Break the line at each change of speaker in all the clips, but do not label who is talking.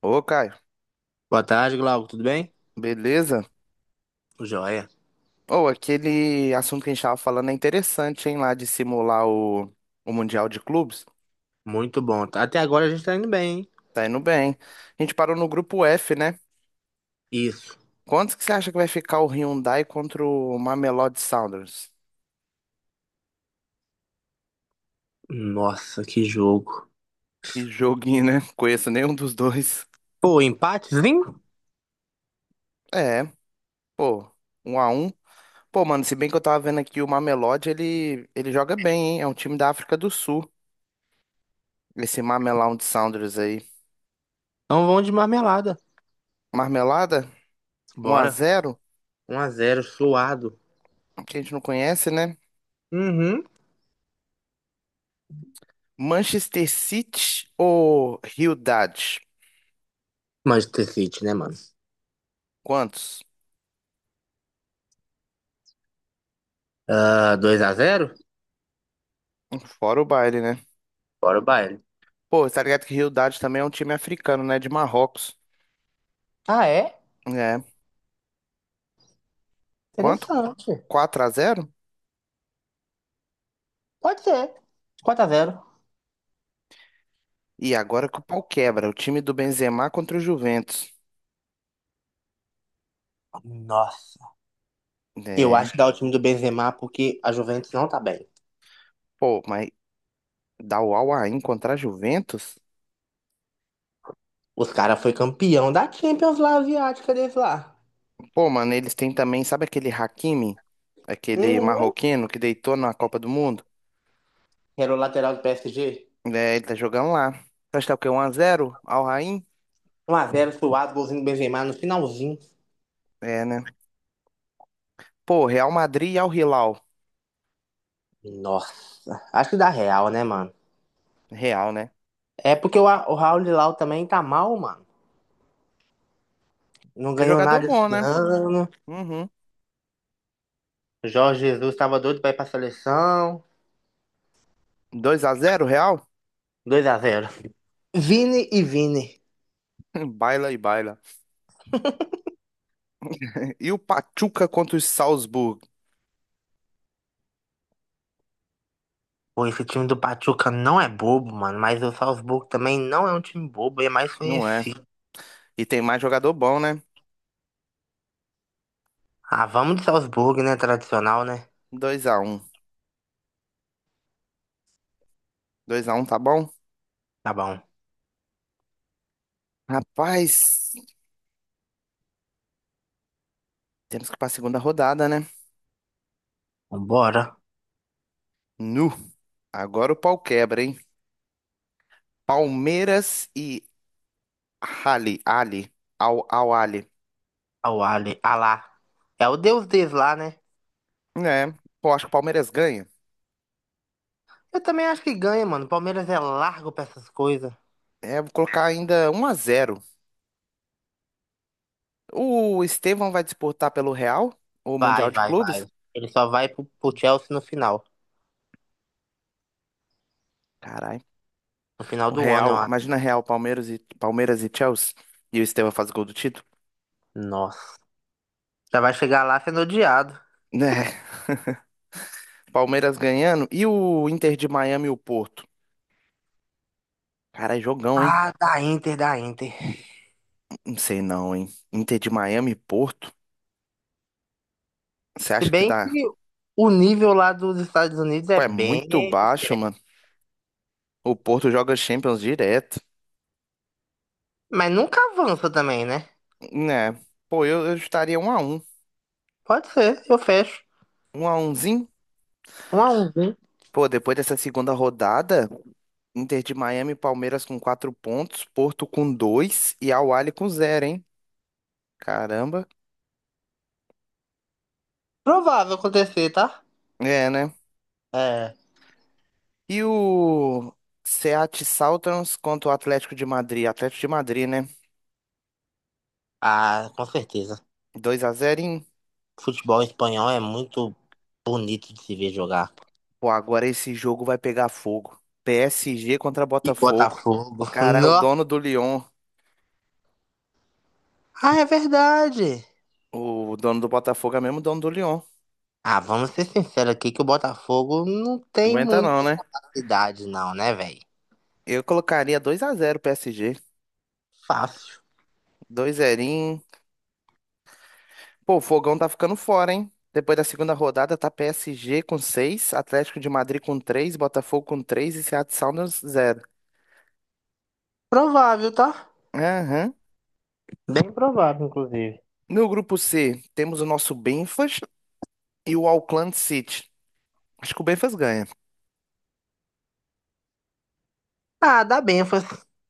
Ô, Caio,
Boa tarde, Glauco. Tudo bem?
beleza?
Joia.
Ô, aquele assunto que a gente tava falando é interessante, hein, lá de simular o Mundial de Clubes.
Muito bom. Até agora a gente tá indo bem, hein?
Tá indo bem. A gente parou no grupo F, né?
Isso.
Quantos que você acha que vai ficar o Hyundai contra o Mamelodi Sundowns?
Nossa, que jogo.
Que joguinho, né? Conheço nenhum dos dois.
Pô, empatezinho?
É, pô, um a um. Pô, mano, se bem que eu tava vendo aqui o Mamelodi, ele joga bem, hein? É um time da África do Sul, esse Mamelodi Sundowns aí.
Então vão de marmelada.
Marmelada, um a
Bora.
zero.
1 a 0 suado.
Que a gente não conhece, né?
Uhum.
Manchester City ou Realidade?
Manchester City, né, mano?
Quantos?
Ah, 2 a 0
Fora o baile, né?
Bora o baile.
Pô, tá ligado que Realidade também é um time africano, né? De Marrocos.
Ah, é?
É. Quanto?
Interessante.
Quatro a zero?
Pode ser. 4 a 0
E agora que o pau quebra. O time do Benzema contra o Juventus.
Nossa. Eu
É.
acho que dá o time do Benzema porque a Juventus não tá bem.
Pô, mas dá o Al Ain contra a Juventus?
Os caras foi campeão da Champions lá, asiática deles lá.
Pô, mano, eles têm também, sabe aquele Hakimi? Aquele
Uhum.
marroquino que deitou na Copa do Mundo?
que era o lateral do PSG.
É, ele tá jogando lá. Acho que tá o quê? 1x0? Al Ain?
1 a 0 suado, golzinho do Benzema no finalzinho.
É, né? Pô, Real Madrid e Al Hilal.
Nossa, acho que dá real, né, mano?
Real, né?
É porque o Raul Lilau também tá mal, mano. Não
É
ganhou
jogador
nada
bom,
esse
né?
ano.
Uhum.
Jorge Jesus tava doido pra ir pra seleção.
2x0, Real?
2 a 0 Vini e Vini.
Baila e baila. E o Pachuca contra o Salzburg?
Pô, esse time do Pachuca não é bobo, mano. Mas o Salzburgo também não é um time bobo, é mais
Não é.
conhecido.
E tem mais jogador bom, né?
Ah, vamos de Salzburgo, né? Tradicional, né?
Dois a um, dois a um, tá bom?
Tá bom.
Rapaz, temos que ir pra segunda rodada, né?
Vambora.
Nu. Agora o pau quebra, hein? Palmeiras e Ali. Ali. Al Ali.
Ao Ali. Alá. É o deus deles lá, né?
É, pô, acho que o Palmeiras ganha.
Eu também acho que ganha, mano. O Palmeiras é largo pra essas coisas.
É, vou colocar ainda um a zero. O Estevão vai disputar pelo Real? O
Vai,
Mundial de
vai,
Clubes?
vai. Ele só vai pro Chelsea no final.
Caralho.
No final
O
do ano, eu
Real,
acho.
imagina Real, Palmeiras e Chelsea, e o Estevão faz gol do título.
Nossa. Já vai chegar lá sendo odiado.
Né? Palmeiras ganhando, e o Inter de Miami e o Porto? Cara, é jogão, hein?
Ah, da Inter, da Inter.
Não sei não, hein? Inter de Miami e Porto? Você
Se
acha que
bem
dá?
que o nível lá dos Estados Unidos é
Pô, é muito
bem
baixo,
diferente.
mano. O Porto joga Champions direto.
Mas nunca avança também, né?
Né? Pô, eu estaria um a um.
Pode ser, eu fecho.
Um a umzinho.
Um a um, hein?
Pô, depois dessa segunda rodada, Inter de Miami e Palmeiras com quatro pontos, Porto com dois e Al Ahly com zero, hein? Caramba.
Provável acontecer, tá?
É, né?
É.
E o Seattle Sounders contra o Atlético de Madrid. Atlético de Madrid, né?
Ah, com certeza.
2 a zero em...
Futebol espanhol é muito bonito de se ver jogar.
Pô, agora esse jogo vai pegar fogo. PSG contra
E
Botafogo.
Botafogo.
Cara, é o
Nossa.
dono do Lyon,
Ah, é verdade.
o dono do Botafogo é mesmo o dono do Lyon.
Ah, vamos ser sinceros aqui que o Botafogo não tem
Aguenta não,
muita
né?
capacidade, não, né, velho?
Eu colocaria 2 a 0 PSG.
Fácil.
2 0. Pô, o Fogão tá ficando fora, hein? Depois da segunda rodada tá PSG com 6, Atlético de Madrid com 3, Botafogo com 3 e Seattle Sounders 0.
Provável, tá? Bem provável, inclusive.
No grupo C, temos o nosso Benfas e o Auckland City. Acho que o Benfas ganha.
Ah, dá bem, foi.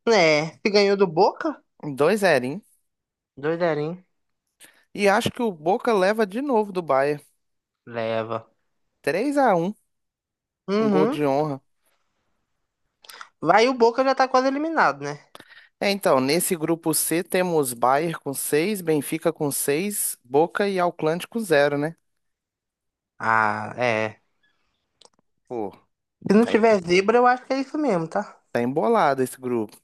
É, se ganhou do Boca?
2-0, hein?
Doideirinho.
E acho que o Boca leva de novo do Bayern.
Leva.
Três a um, um gol de
Uhum.
honra.
Vai, o Boca já tá quase eliminado, né?
É, então, nesse grupo C temos Bayern com 6, Benfica com 6, Boca e Auckland com zero, né?
Ah, é.
Pô,
Se não
tá, em-
tiver zebra, eu acho que é isso mesmo, tá?
tá embolado esse grupo.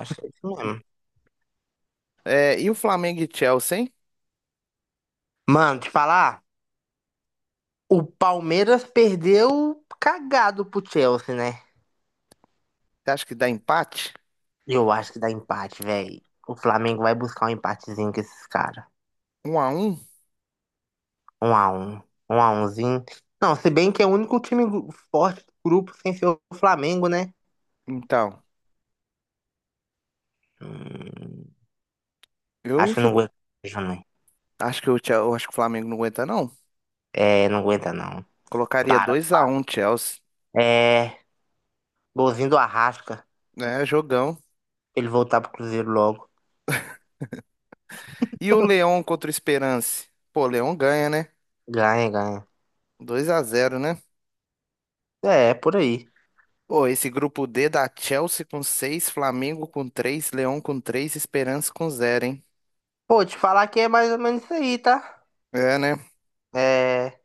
Acho que é isso mesmo.
É, e o Flamengo e Chelsea, hein?
Mano, te falar, o Palmeiras perdeu cagado pro Chelsea, né?
Você acha que dá empate?
Eu acho que dá empate, velho. O Flamengo vai buscar um empatezinho com esses caras.
Um a um.
Um a um. Um a umzinho. Não, se bem que é o único time forte do grupo sem ser o Flamengo, né?
Então,
Hum,
eu
acho que não
chu-
aguenta, não.
eu acho que o Flamengo não aguenta, não.
É, não aguenta, não.
Colocaria
Para.
dois a um, Chelsea.
É, golzinho do Arrasca. Pra
É, jogão.
Ele voltar pro Cruzeiro logo.
E o Leão contra o Esperance? Pô, o Leão ganha, né?
Ganha, ganha.
Dois a zero, né?
É, é por aí.
Pô, esse grupo D dá Chelsea com seis, Flamengo com três, Leão com três, esperança com zero, hein?
Pô, te falar que é mais ou menos isso aí, tá?
É, né?
É,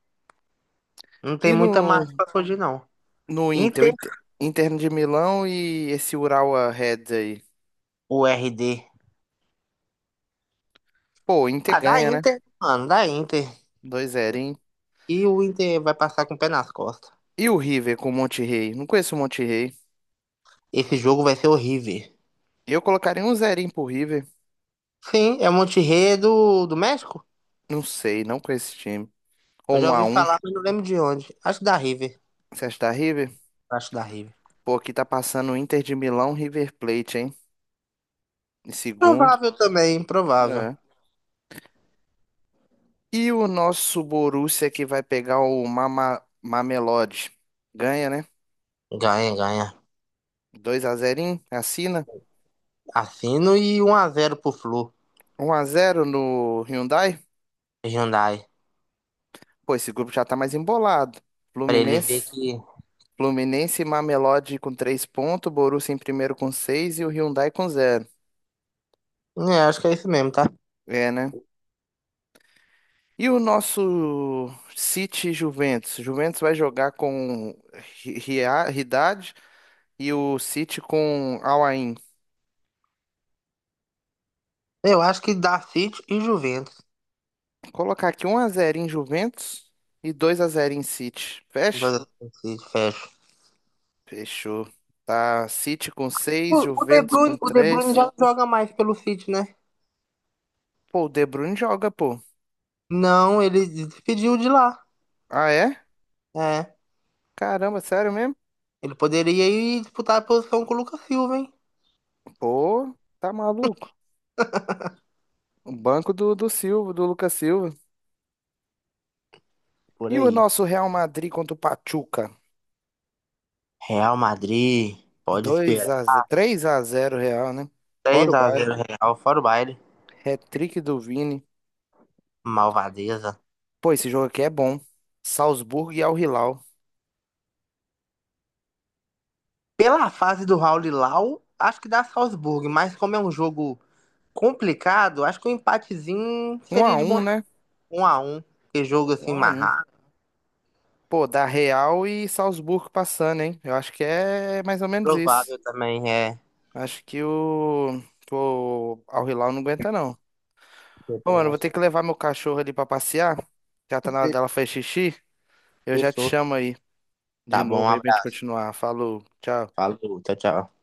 não tem
E
muita margem
no,
pra fugir, não.
no Inter,
Inter,
Inter de Milão e esse Urawa Reds aí?
o RD.
Pô, o Inter
Ah, dá
ganha, né?
Inter, mano, dá Inter.
2 0.
E o Inter vai passar com o pé nas costas.
E o River com o Monterrey? Não conheço o Monterrey.
Esse jogo vai ser horrível.
Eu colocaria um zerinho pro River.
Sim, é o Monte Rei do México?
Não sei, não conheço esse time.
Eu
Ou
já
um a
ouvi
um.
falar, mas não lembro de onde. Acho que da River.
Você acha que dá River?
Acho da River.
Pô, aqui tá passando o Inter de Milão, River Plate, hein? Em segundo.
Provável também, provável.
É. E o nosso Borussia que vai pegar o Mamelodi. Ganha, né?
Ganha, ganha.
2x0, assina.
Assino e 1 a 0 pro Flu,
Um a zero no Hyundai.
Hyundai.
Pô, esse grupo já tá mais embolado.
Pra ele ver
Fluminense,
que.
Fluminense e Mamelodi com 3 pontos, Borussia em primeiro com 6 e o Hyundai com zero.
É, acho que é isso mesmo, tá?
É, né? E o nosso City e Juventus? Juventus vai jogar com Ridad. E o City com Al Ain.
Eu acho que dá City e Juventus.
Colocar aqui um a zero em Juventus e dois a zero em City.
Dá
Fecha?
City, fecha.
Fechou. Tá, City com
O,
seis,
o De
Juventus com
Bruyne, o De Bruyne
três.
já não joga mais pelo City, né?
Pô, o De Bruyne joga, pô.
Não, ele despediu de lá.
Ah, é?
É.
Caramba, sério mesmo?
Ele poderia ir disputar a posição com o Lucas Silva, hein?
Pô, tá maluco. O banco do Silva, do Lucas Silva.
Por
E o
aí.
nosso Real Madrid contra o Pachuca?
Real Madrid, pode
Dois
esperar.
a zero, três a zero Real, né? Fora
3
o
a
Bayern.
0 Real, fora o baile.
Hat-trick do Vini.
Malvadeza.
Pô, esse jogo aqui é bom. Salzburgo e Al Hilal.
Pela fase do Raul e Lau, acho que dá Salzburg, mas como é um jogo complicado, acho que um empatezinho
Um
seria
a
de
um,
bom
né?
1 a um. Que jogo
Um
assim,
a um.
marrado.
Pô, da Real e Salzburgo passando, hein? Eu acho que é mais ou menos isso.
Provável também é.
Acho que o Al Hilal não aguenta, não.
Eu
Ô, mano,
também
eu vou ter
acho.
que levar meu cachorro ali pra passear. Já tá na hora dela fazer xixi. Eu já te
Fechou.
chamo aí de
Tá bom, um
novo aí pra gente
abraço.
continuar. Falou, tchau.
Falou, tchau, tchau.